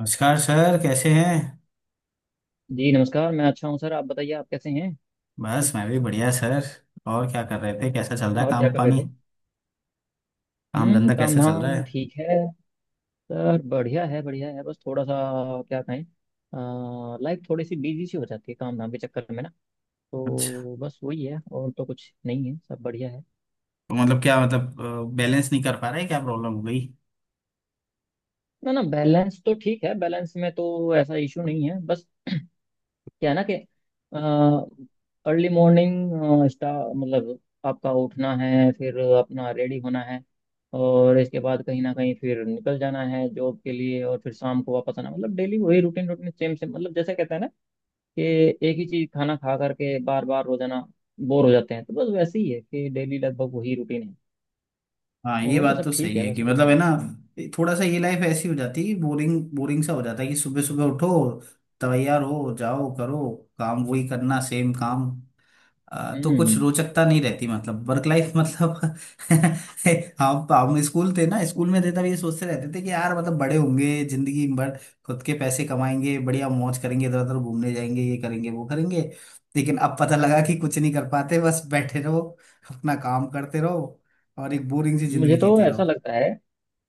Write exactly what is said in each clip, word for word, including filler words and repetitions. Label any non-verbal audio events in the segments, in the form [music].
नमस्कार सर, कैसे हैं। जी नमस्कार। मैं अच्छा हूँ सर, आप बताइए, आप कैसे हैं। बस मैं भी बढ़िया सर। और क्या कर रहे थे, कैसा चल रहा है और क्या काम कर रहे पानी। थे। काम हम्म। धंधा काम कैसा चल रहा धाम है? ठीक है। सर बढ़िया है, बढ़िया है, बस थोड़ा सा क्या कहें। लाइफ थोड़ी सी बिजी सी हो जाती है काम धाम के चक्कर में ना। अच्छा। तो बस वही है, और तो कुछ नहीं है, सब बढ़िया है। तो मतलब, क्या मतलब, बैलेंस नहीं कर पा रहे? क्या प्रॉब्लम हो गई? ना ना, बैलेंस तो ठीक है, बैलेंस में तो ऐसा इशू नहीं है, बस क्या है ना कि अर्ली मॉर्निंग स्टा मतलब आपका उठना है, फिर अपना रेडी होना है, और इसके बाद कहीं ना कहीं फिर निकल जाना है जॉब के लिए, और फिर शाम को वापस आना। मतलब डेली वही रूटीन रूटीन सेम सेम, मतलब जैसे कहते हैं ना कि एक ही चीज खाना खा करके बार बार रोजाना बोर हो जाते हैं। तो बस वैसे ही है कि डेली लगभग वही रूटीन है। हाँ, ये और तो बात सब तो ठीक सही है है कि वैसे तो। मतलब है ना। थोड़ा सा ये लाइफ ऐसी हो जाती है, बोरिंग बोरिंग सा हो जाता है कि सुबह सुबह उठो, तैयार हो जाओ, करो, काम वही करना, सेम काम। आ, तो कुछ हम्म। रोचकता नहीं रहती, मतलब वर्क लाइफ, मतलब। [laughs] हम हम स्कूल थे ना, स्कूल में थे तब ये सोचते रहते थे कि यार मतलब बड़े होंगे, जिंदगी भर खुद के पैसे कमाएंगे, बढ़िया मौज करेंगे, इधर उधर घूमने जाएंगे, ये करेंगे वो करेंगे। लेकिन अब पता लगा कि कुछ नहीं कर पाते, बस बैठे रहो, अपना काम करते रहो और एक बोरिंग सी मुझे जिंदगी तो जीते ऐसा रहो। लगता है।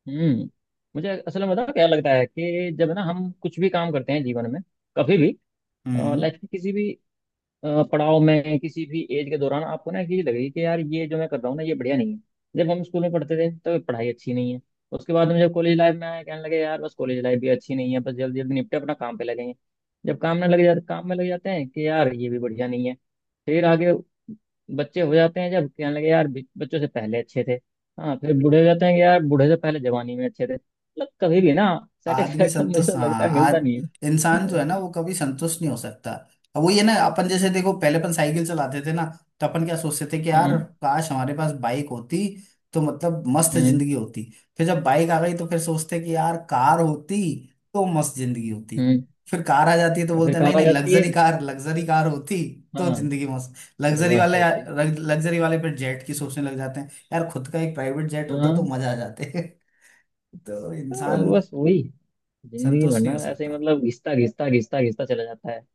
हम्म। मुझे असल में पता है क्या लगता है, कि जब ना हम कुछ भी काम करते हैं जीवन में, कभी भी हम्म। लाइफ के किसी भी अ, पड़ाव में, किसी भी एज के दौरान, आपको ना एक चीज लगेगी कि यार ये जो मैं कर रहा हूँ ना, ये बढ़िया नहीं है। जब हम स्कूल में पढ़ते थे तो पढ़ाई अच्छी नहीं है। उसके बाद में जब कॉलेज लाइफ में आए कहने लगे यार बस कॉलेज लाइफ भी अच्छी नहीं है, बस जल्दी जल्दी निपटे अपना काम पे लगे हैं। जब काम में लग जाते काम में लग जाते हैं कि यार ये भी बढ़िया नहीं है। फिर आगे बच्चे हो जाते हैं जब कहने लगे यार बि- बच्चों से पहले अच्छे थे। हाँ, फिर बूढ़े हो जाते हैं कि यार बूढ़े से पहले जवानी में अच्छे थे। मतलब कभी भी ना आदमी सेटिस्फेक्शन, मुझे संतुष्ट, तो लगता हाँ है मिलता आज नहीं इंसान जो है। है ना [laughs] वो कभी संतुष्ट नहीं हो सकता। अब वो ये ना, अपन जैसे देखो, पहले अपन साइकिल चलाते थे ना, तो अपन क्या सोचते थे कि यार हम्म। काश हमारे पास बाइक होती, तो मतलब मस्त हम्म। जिंदगी होती। फिर जब बाइक आ गई तो फिर सोचते कि यार कार होती तो मस्त जिंदगी होती। हम्म। फिर कार आ जाती है तो या फिर बोलते हैं नहीं कार आ नहीं, जाती है। लग्जरी कार, लग्जरी कार होती तो हाँ, जिंदगी मस्त। तो लग्जरी मस्त वाले, होती। लग्जरी वाले फिर जेट की सोचने लग जाते हैं, यार खुद का एक प्राइवेट जेट होता तो हाँ, मजा आ जाते। [laughs] तो तो इंसान बस वही जिंदगी भर संतुष्ट नहीं ना हो ऐसे ही, सकता। मतलब घिसता घिसता घिसता घिसता चला जाता है।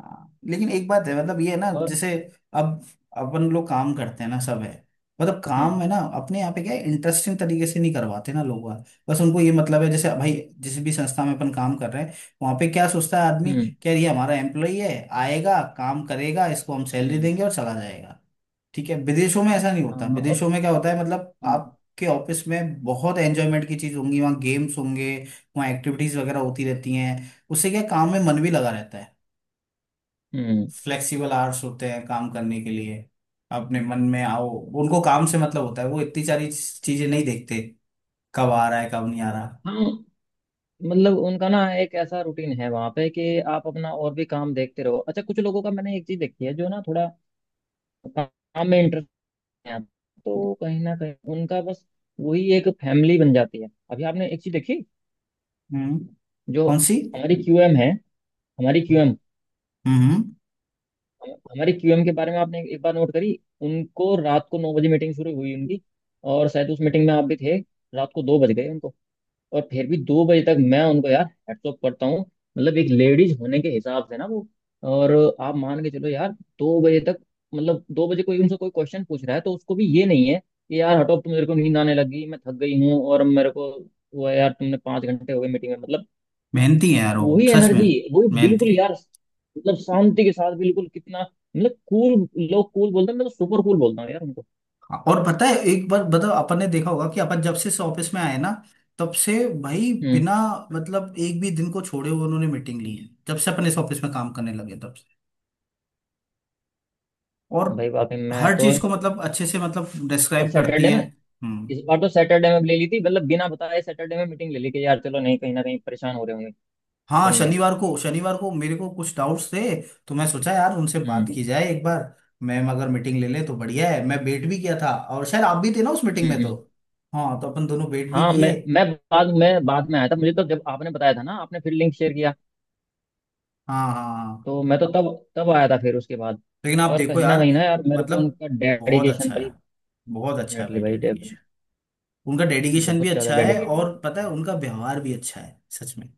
हाँ, लेकिन एक बात है, मतलब ये है ना, और। जैसे अब अपन लोग काम करते हैं ना सब है। मतलब काम हम्म। है ना, अपने यहाँ पे क्या इंटरेस्टिंग तरीके से नहीं करवाते ना लोग वहाँ। बस उनको ये मतलब है जैसे भाई, जिस भी संस्था में अपन काम कर रहे हैं वहाँ पे क्या सोचता है आदमी? हम्म। क्या ये हमारा एम्प्लॉई है, आएगा काम करेगा, इसको हम सैलरी हम्म। देंगे और चला जाएगा। ठीक है, विदेशों में ऐसा नहीं होता, हाँ। और। विदेशों में क्या होता है, मतलब हम्म। आपके ऑफिस में बहुत एंजॉयमेंट की चीज होंगी, वहाँ गेम्स होंगे, वहाँ एक्टिविटीज वगैरह होती रहती हैं। उससे क्या, काम में मन भी लगा रहता है। हम्म। फ्लेक्सिबल आवर्स होते हैं काम करने के लिए, अपने मन में आओ। उनको काम से मतलब होता है, वो इतनी सारी चीजें नहीं देखते कब आ रहा है कब नहीं आ रहा। हाँ, मतलब उनका ना एक ऐसा रूटीन है वहां पे, कि आप अपना और भी काम देखते रहो। अच्छा, कुछ लोगों का मैंने एक चीज देखी है, जो ना थोड़ा काम में इंटरेस्ट है, तो कहीं ना कहीं उनका बस वही एक फैमिली बन जाती है। अभी आपने एक चीज देखी, हम्म। जो कौन सी? हमारी क्यू एम है। हमारी क्यूएम, हम्म। हमारी क्यूएम के बारे में आपने एक बार नोट करी। उनको रात को नौ बजे मीटिंग शुरू हुई उनकी, और शायद उस मीटिंग में आप भी थे। रात को दो बज गए उनको, और फिर भी दो बजे तक मैं उनको यार हैट्स ऑफ करता हूँ। मतलब एक लेडीज होने के हिसाब से ना वो, और आप मान के चलो यार, दो बजे तक, मतलब दो बजे कोई उनसे कोई क्वेश्चन पूछ रहा है तो उसको भी ये नहीं है कि यार हटो, अब तो मेरे को नींद आने लगी, मैं थक गई हूँ, और मेरे को वो है यार तुमने पाँच घंटे हो गए मीटिंग में, मतलब मेहनती है यार वो, वही सच में। एनर्जी, वही बिल्कुल मेहनती। यार, मतलब शांति के साथ बिल्कुल। कितना, मतलब कूल लोग कूल बोलते हैं, मैं तो सुपर कूल बोलता हूँ यार उनको। हाँ, और पता है एक बार बताओ अपन ने देखा होगा कि अपन जब से इस ऑफिस में आए ना, तब से भाई हम्म। बिना मतलब एक भी दिन को छोड़े हुए उन्होंने मीटिंग ली है, जब से अपन इस ऑफिस में काम करने लगे तब से। और भाई वाकई मैं हर तो। चीज को मतलब अच्छे से मतलब और डिस्क्राइब करती सैटरडे हैं। में, हम्म। इस बार तो सैटरडे में ले ली थी, मतलब बिना बताए सैटरडे में मीटिंग ले ली, कि यार चलो नहीं कहीं ना कहीं परेशान हो रहे होंगे हाँ, बंदे। शनिवार को, शनिवार को मेरे को कुछ डाउट्स थे, तो मैं सोचा यार उनसे बात हम्म। की जाए एक बार। मैम अगर मीटिंग ले लें तो बढ़िया है, मैं वेट भी किया था और शायद आप भी थे ना उस मीटिंग हम्म। में तो। हम्म। हाँ, तो अपन दोनों वेट भी हाँ, मैं किए। मैं बाद में बाद में आया था। मुझे तो जब आपने बताया था ना, आपने फिर लिंक शेयर किया, हाँ हाँ हाँ। तो मैं तो तब तब आया था फिर उसके बाद। लेकिन आप पर देखो कहीं ना यार, कहीं ना यार, मेरे को मतलब उनका बहुत डेडिकेशन, अच्छा भाई है, बहुत अच्छा है डेफिनेटली भाई भाई, डेफिनेटली डेडिकेशन। उनका डेडिकेशन भी बहुत ज्यादा अच्छा है डेडिकेटेड। और पता है उनका व्यवहार भी अच्छा है सच में।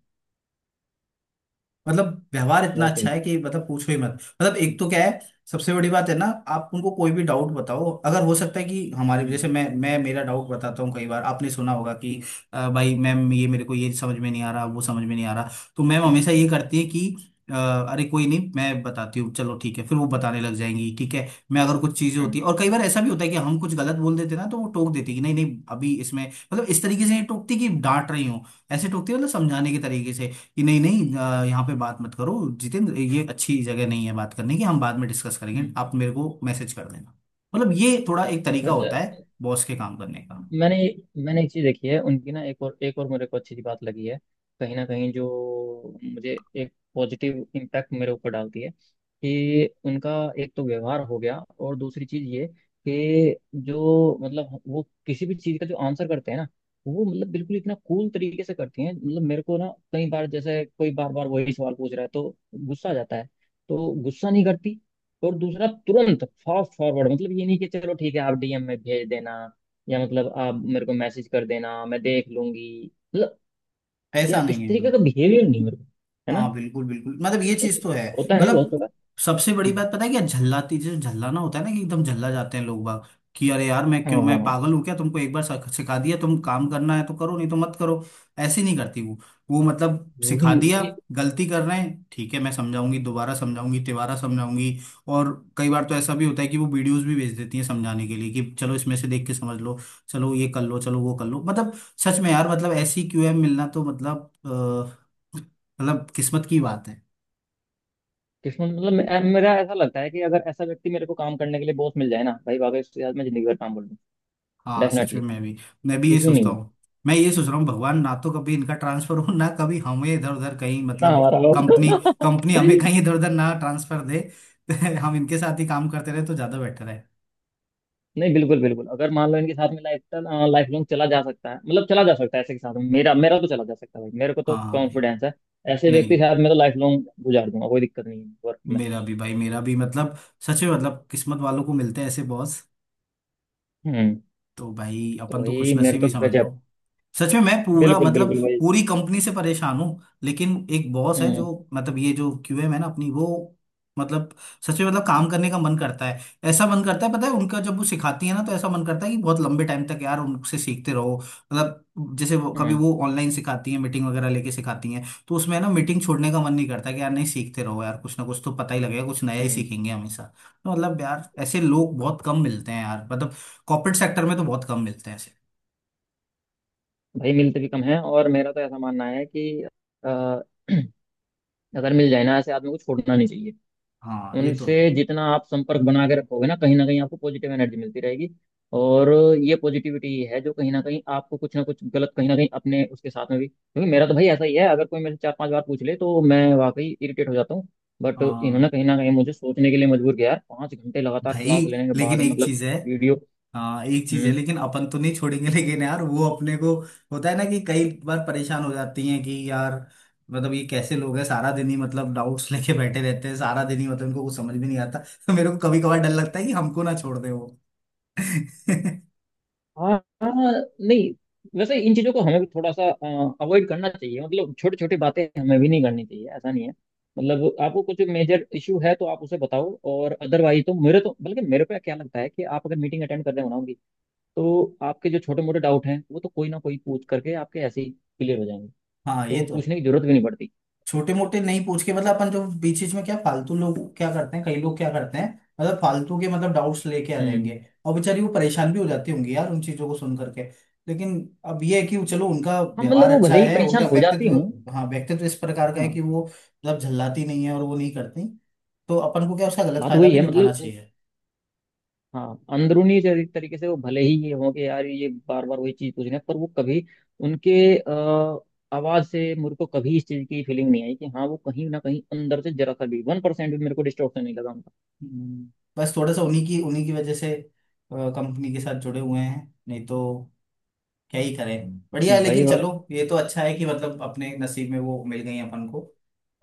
मतलब व्यवहार इतना अच्छा वाकई। है कि मतलब पूछो ही मत। मतलब एक हम्म, तो क्या है, सबसे बड़ी बात है ना, आप उनको कोई भी डाउट बताओ, अगर हो सकता है कि हमारे हम्म, जैसे, मैं मैं मेरा डाउट बताता हूँ, कई बार आपने सुना होगा कि "अ, भाई मैम ये मेरे को ये समझ में नहीं आ रहा, वो समझ में नहीं आ रहा, तो मैम हमेशा हम्म, ये करती है कि "अ, अरे कोई नहीं मैं बताती हूँ, चलो ठीक है, फिर वो बताने लग जाएंगी। ठीक है, मैं अगर कुछ चीजें हम्म, होती है हम्म। और कई बार ऐसा भी होता है कि हम कुछ गलत बोल देते ना तो वो टोक देती है कि नहीं नहीं अभी इसमें, मतलब इस तरीके से नहीं टोकती कि डांट रही हूँ। ऐसे टोकती है मतलब समझाने के तरीके से कि नहीं नहीं अ, यहाँ पे बात मत करो, जितेंद्र ये अच्छी जगह नहीं है बात करने की, हम बाद में डिस्कस करेंगे, हम्म। आप मेरे को मैसेज कर देना। मतलब ये थोड़ा एक तरीका वैसे होता है बॉस के काम करने का। मैंने मैंने एक चीज देखी है उनकी ना, एक और एक और मेरे को अच्छी सी बात लगी है, कहीं ना कहीं जो मुझे एक पॉजिटिव इम्पैक्ट मेरे ऊपर डालती है, कि उनका एक तो व्यवहार हो गया, और दूसरी चीज ये कि जो मतलब वो किसी भी चीज का जो आंसर करते हैं ना, वो मतलब बिल्कुल इतना कूल तरीके से करती हैं। मतलब मेरे को ना कई बार जैसे कोई बार बार वही सवाल पूछ रहा है तो गुस्सा आ जाता है, तो गुस्सा नहीं करती। और दूसरा तुरंत फास्ट फॉरवर्ड, मतलब ये नहीं कि चलो ठीक है आप डी एम में भेज देना, या मतलब आप मेरे को मैसेज कर देना मैं देख लूंगी, मतलब ऐसा यार नहीं इस है। तरीके का बिहेवियर नहीं। मेरे को है ना, हाँ बिल्कुल बिल्कुल, मतलब ये हो- चीज तो है। होता है ना बहुत मतलब सारा। सबसे बड़ी हम्म। बात पता है क्या, झल्लाती, जो झल्लाना होता है ना कि एकदम झल्ला जाते हैं लोग बाग कि अरे यार मैं हाँ, क्यों, मैं हाँ। पागल हूँ क्या, तुमको एक बार सख- सिखा दिया, तुम काम करना है तो करो नहीं तो मत करो। ऐसे नहीं करती वो। वो मतलब वही, सिखा दिया, वही। गलती कर रहे हैं ठीक है मैं समझाऊंगी, दोबारा समझाऊंगी, तिबारा समझाऊंगी। और कई बार तो ऐसा भी होता है कि वो वीडियोस भी भेज देती हैं समझाने के लिए कि चलो इसमें से देख के समझ लो, चलो ये कर लो, चलो वो कर लो, मतलब सच में यार, मतलब ऐसी क्यूएम मिलना तो मतलब, मतलब किस्मत की बात है। किस्मत, मतलब मे- मेरा ऐसा लगता है कि अगर ऐसा व्यक्ति मेरे को काम करने के लिए बॉस मिल जाए ना, भाई वाकई उसके साथ मैं जिंदगी भर काम कर लूँ। हाँ सच में, डेफिनेटली, मैं भी, मैं भी ये इशू सोचता नहीं है। हूँ। मैं ये सोच रहा हूँ भगवान ना तो कभी इनका ट्रांसफर हो, ना कभी हमें इधर उधर कहीं, ना मतलब हमारा। कंपनी, कंपनी हमें कहीं [laughs] इधर उधर ना ट्रांसफर दे। [laughs] हम इनके साथ ही काम करते रहे तो ज्यादा बेटर है। नहीं, बिल्कुल बिल्कुल, अगर मान लो इनके साथ में लाइफ लाइफ लॉन्ग चला जा सकता है। मतलब चला जा सकता है ऐसे के साथ में, मेरा मेरा तो चला जा सकता है भाई, मेरे को तो हाँ भाई। कॉन्फिडेंस है। ऐसे व्यक्ति नहीं, के साथ मैं तो लाइफ लॉन्ग गुजार दूंगा, कोई दिक्कत नहीं है वर्क में। मेरा भी भाई, मेरा भी मतलब सच में मतलब किस्मत वालों को मिलते हैं ऐसे बॉस, हम्म। तो भाई तो अपन तो वही, मेरे खुशनसीब तो ही समझ गजब। लो। सच में मैं पूरा बिल्कुल मतलब बिल्कुल भाई। पूरी कंपनी से परेशान हूँ, लेकिन एक बॉस है हम्म। जो, मतलब ये जो क्यूएम है ना अपनी, वो मतलब सच में मतलब काम करने का मन करता है। ऐसा मन करता है, पता है उनका, जब वो सिखाती है ना तो ऐसा मन करता है कि बहुत लंबे टाइम तक यार उनसे सीखते रहो, मतलब जैसे वो कभी हम्म। वो ऑनलाइन सिखाती है मीटिंग वगैरह लेके सिखाती हैं, तो उसमें ना मीटिंग छोड़ने का मन नहीं करता कि यार नहीं सीखते रहो यार, कुछ ना कुछ तो पता ही लगेगा, कुछ नया ही हम्म। सीखेंगे हमेशा। तो मतलब यार ऐसे लोग बहुत कम मिलते हैं यार, मतलब कॉर्पोरेट सेक्टर में तो बहुत कम मिलते हैं ऐसे। भाई मिलते भी कम है, और मेरा तो ऐसा मानना है कि अ, [clears throat] अगर मिल जाए ना ऐसे आदमी को छोड़ना नहीं चाहिए। हाँ ये तो है। उनसे जितना आप संपर्क बना के रखोगे ना, कहीं ना कहीं आपको पॉजिटिव एनर्जी मिलती रहेगी। और ये पॉजिटिविटी ही है जो कहीं ना कहीं आपको कुछ ना कुछ गलत, कहीं ना कहीं अपने उसके साथ में भी, क्योंकि मेरा तो भाई ऐसा ही है, अगर कोई मेरे से चार पांच बार पूछ ले तो मैं वाकई इरिटेट हो जाता हूँ। बट हाँ इन्होंने कहीं ना कहीं मुझे सोचने के लिए मजबूर किया, यार पांच घंटे लगातार भाई, क्लास लेने के लेकिन बाद एक मतलब चीज है, वीडियो। हाँ एक चीज है, लेकिन अपन तो नहीं छोड़ेंगे, लेकिन यार वो अपने को होता है ना कि कई बार परेशान हो जाती हैं कि यार मतलब ये कैसे लोग हैं, सारा दिन ही मतलब डाउट्स [laughs] लेके बैठे रहते हैं सारा दिन ही, मतलब इनको कुछ समझ में नहीं आता, तो मेरे को कभी कभार डर लगता है कि हमको ना छोड़ दे वो। [laughs] हाँ, हाँ। नहीं, वैसे इन चीज़ों को हमें भी थोड़ा सा अवॉइड करना चाहिए, मतलब छोटी छोटी बातें हमें भी नहीं करनी चाहिए, ऐसा नहीं है। मतलब आपको कुछ मेजर इशू है तो आप उसे बताओ, और अदरवाइज तो मेरे तो, बल्कि मेरे पे क्या लगता है कि आप अगर मीटिंग अटेंड कर रहे हो ना उनकी, तो आपके जो छोटे मोटे डाउट हैं वो तो कोई ना कोई पूछ करके आपके ऐसे ही क्लियर हो जाएंगे, हाँ तो ये वो तो पूछने है। की जरूरत भी नहीं पड़ती। छोटे मोटे नहीं पूछ के, मतलब अपन जो बीच बीच में क्या फालतू लोग क्या करते हैं, कई लोग क्या करते हैं, मतलब फालतू के मतलब डाउट्स लेके आ हम्म। जाएंगे और बेचारी वो परेशान भी हो जाती होंगी यार उन चीजों को सुन करके, लेकिन अब ये है कि वो, चलो उनका हाँ, मतलब व्यवहार वो अच्छा भले ही है, परेशान उनका हो जाती हूँ। व्यक्तित्व, हाँ व्यक्तित्व इस प्रकार का है कि हाँ, वो मतलब झल्लाती नहीं है और वो नहीं करती, तो अपन को क्या उसका गलत बात फायदा वही भी है नहीं उठाना मतलब। चाहिए। हाँ, अंदरूनी तरी- तरीके से वो भले ही ये हो कि यार ये बार बार वही चीज पूछ रहे हैं, पर वो कभी उनके आ, आवाज से मेरे को कभी इस चीज की फीलिंग नहीं आई कि हाँ वो कहीं ना कहीं अंदर से जरा सा भी वन परसेंट भी मेरे को डिस्टॉर्शन नहीं लगा उनका। हम्म, बस थोड़ा सा उन्हीं की उन्हीं की वजह से कंपनी के साथ जुड़े हुए हैं, नहीं तो क्या ही करें, बढ़िया है। भाई, लेकिन भाई, चलो ये तो अच्छा है कि मतलब अपने नसीब में वो मिल गई अपन को,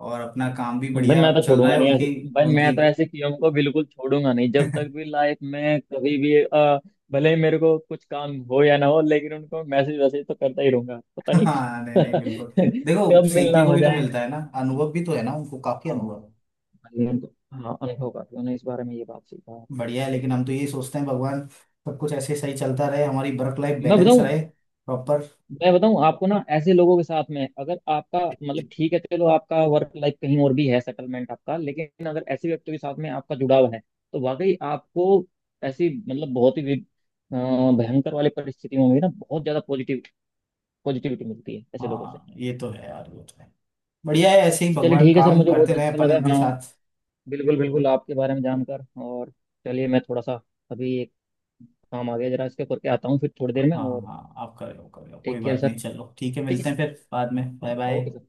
और अपना काम भी भाई बढ़िया मैं तो चल रहा छोड़ूंगा है नहीं ऐसे। उनकी। भाई मैं उनकी। तो ऐसे किया को बिल्कुल छोड़ूंगा नहीं, जब तक भी [laughs] लाइफ में कभी भी अ, भले ही मेरे को कुछ काम हो या ना हो, लेकिन उनको मैसेज वैसेज तो करता ही रहूंगा, पता नहीं हाँ नहीं नहीं, बिल्कुल [laughs] देखो कब मिलना सीखने को हो भी तो जाए। मिलता है ना, अनुभव भी तो है ना, उनको काफी हाँ। अनुभव है। अनुभव को- हाँ, अनुभव काफी होना इस बारे में, ये बात सही कहा आपने। बढ़िया है, लेकिन हम तो यही सोचते हैं भगवान सब कुछ ऐसे सही चलता रहे, हमारी वर्क लाइफ मैं बैलेंस बताऊं रहे, प्रॉपर। मैं बताऊं आपको ना, ऐसे लोगों के साथ में अगर आपका मतलब, ठीक है चलो आपका वर्क लाइफ कहीं और भी है, सेटलमेंट आपका, लेकिन अगर ऐसे व्यक्तियों के साथ में आपका जुड़ाव है तो वाकई आपको ऐसी, मतलब बहुत ही वि- अ, भयंकर वाली परिस्थितियों में भी ना बहुत ज्यादा पॉजिटिव पॉजिटिविटी मिलती है ऐसे लोगों से। हाँ ये तो है यार, वो तो है। बढ़िया है, ऐसे ही चलिए भगवान ठीक है सर, काम मुझे बहुत करते रहे अच्छा अपन लगा, इनके हाँ, साथ। बिल्कुल बिल्कुल आपके बारे में जानकर। और चलिए, मैं थोड़ा सा अभी एक काम आ गया, जरा इसके करके आता हूँ फिर थोड़ी हाँ देर में। हाँ और हाँ, आप कर लो कर लो, कोई टेक केयर बात सर, नहीं, चलो ठीक है, ठीक है, मिलते हैं फिर बाद में, बाय हाँ ओके बाय। सर।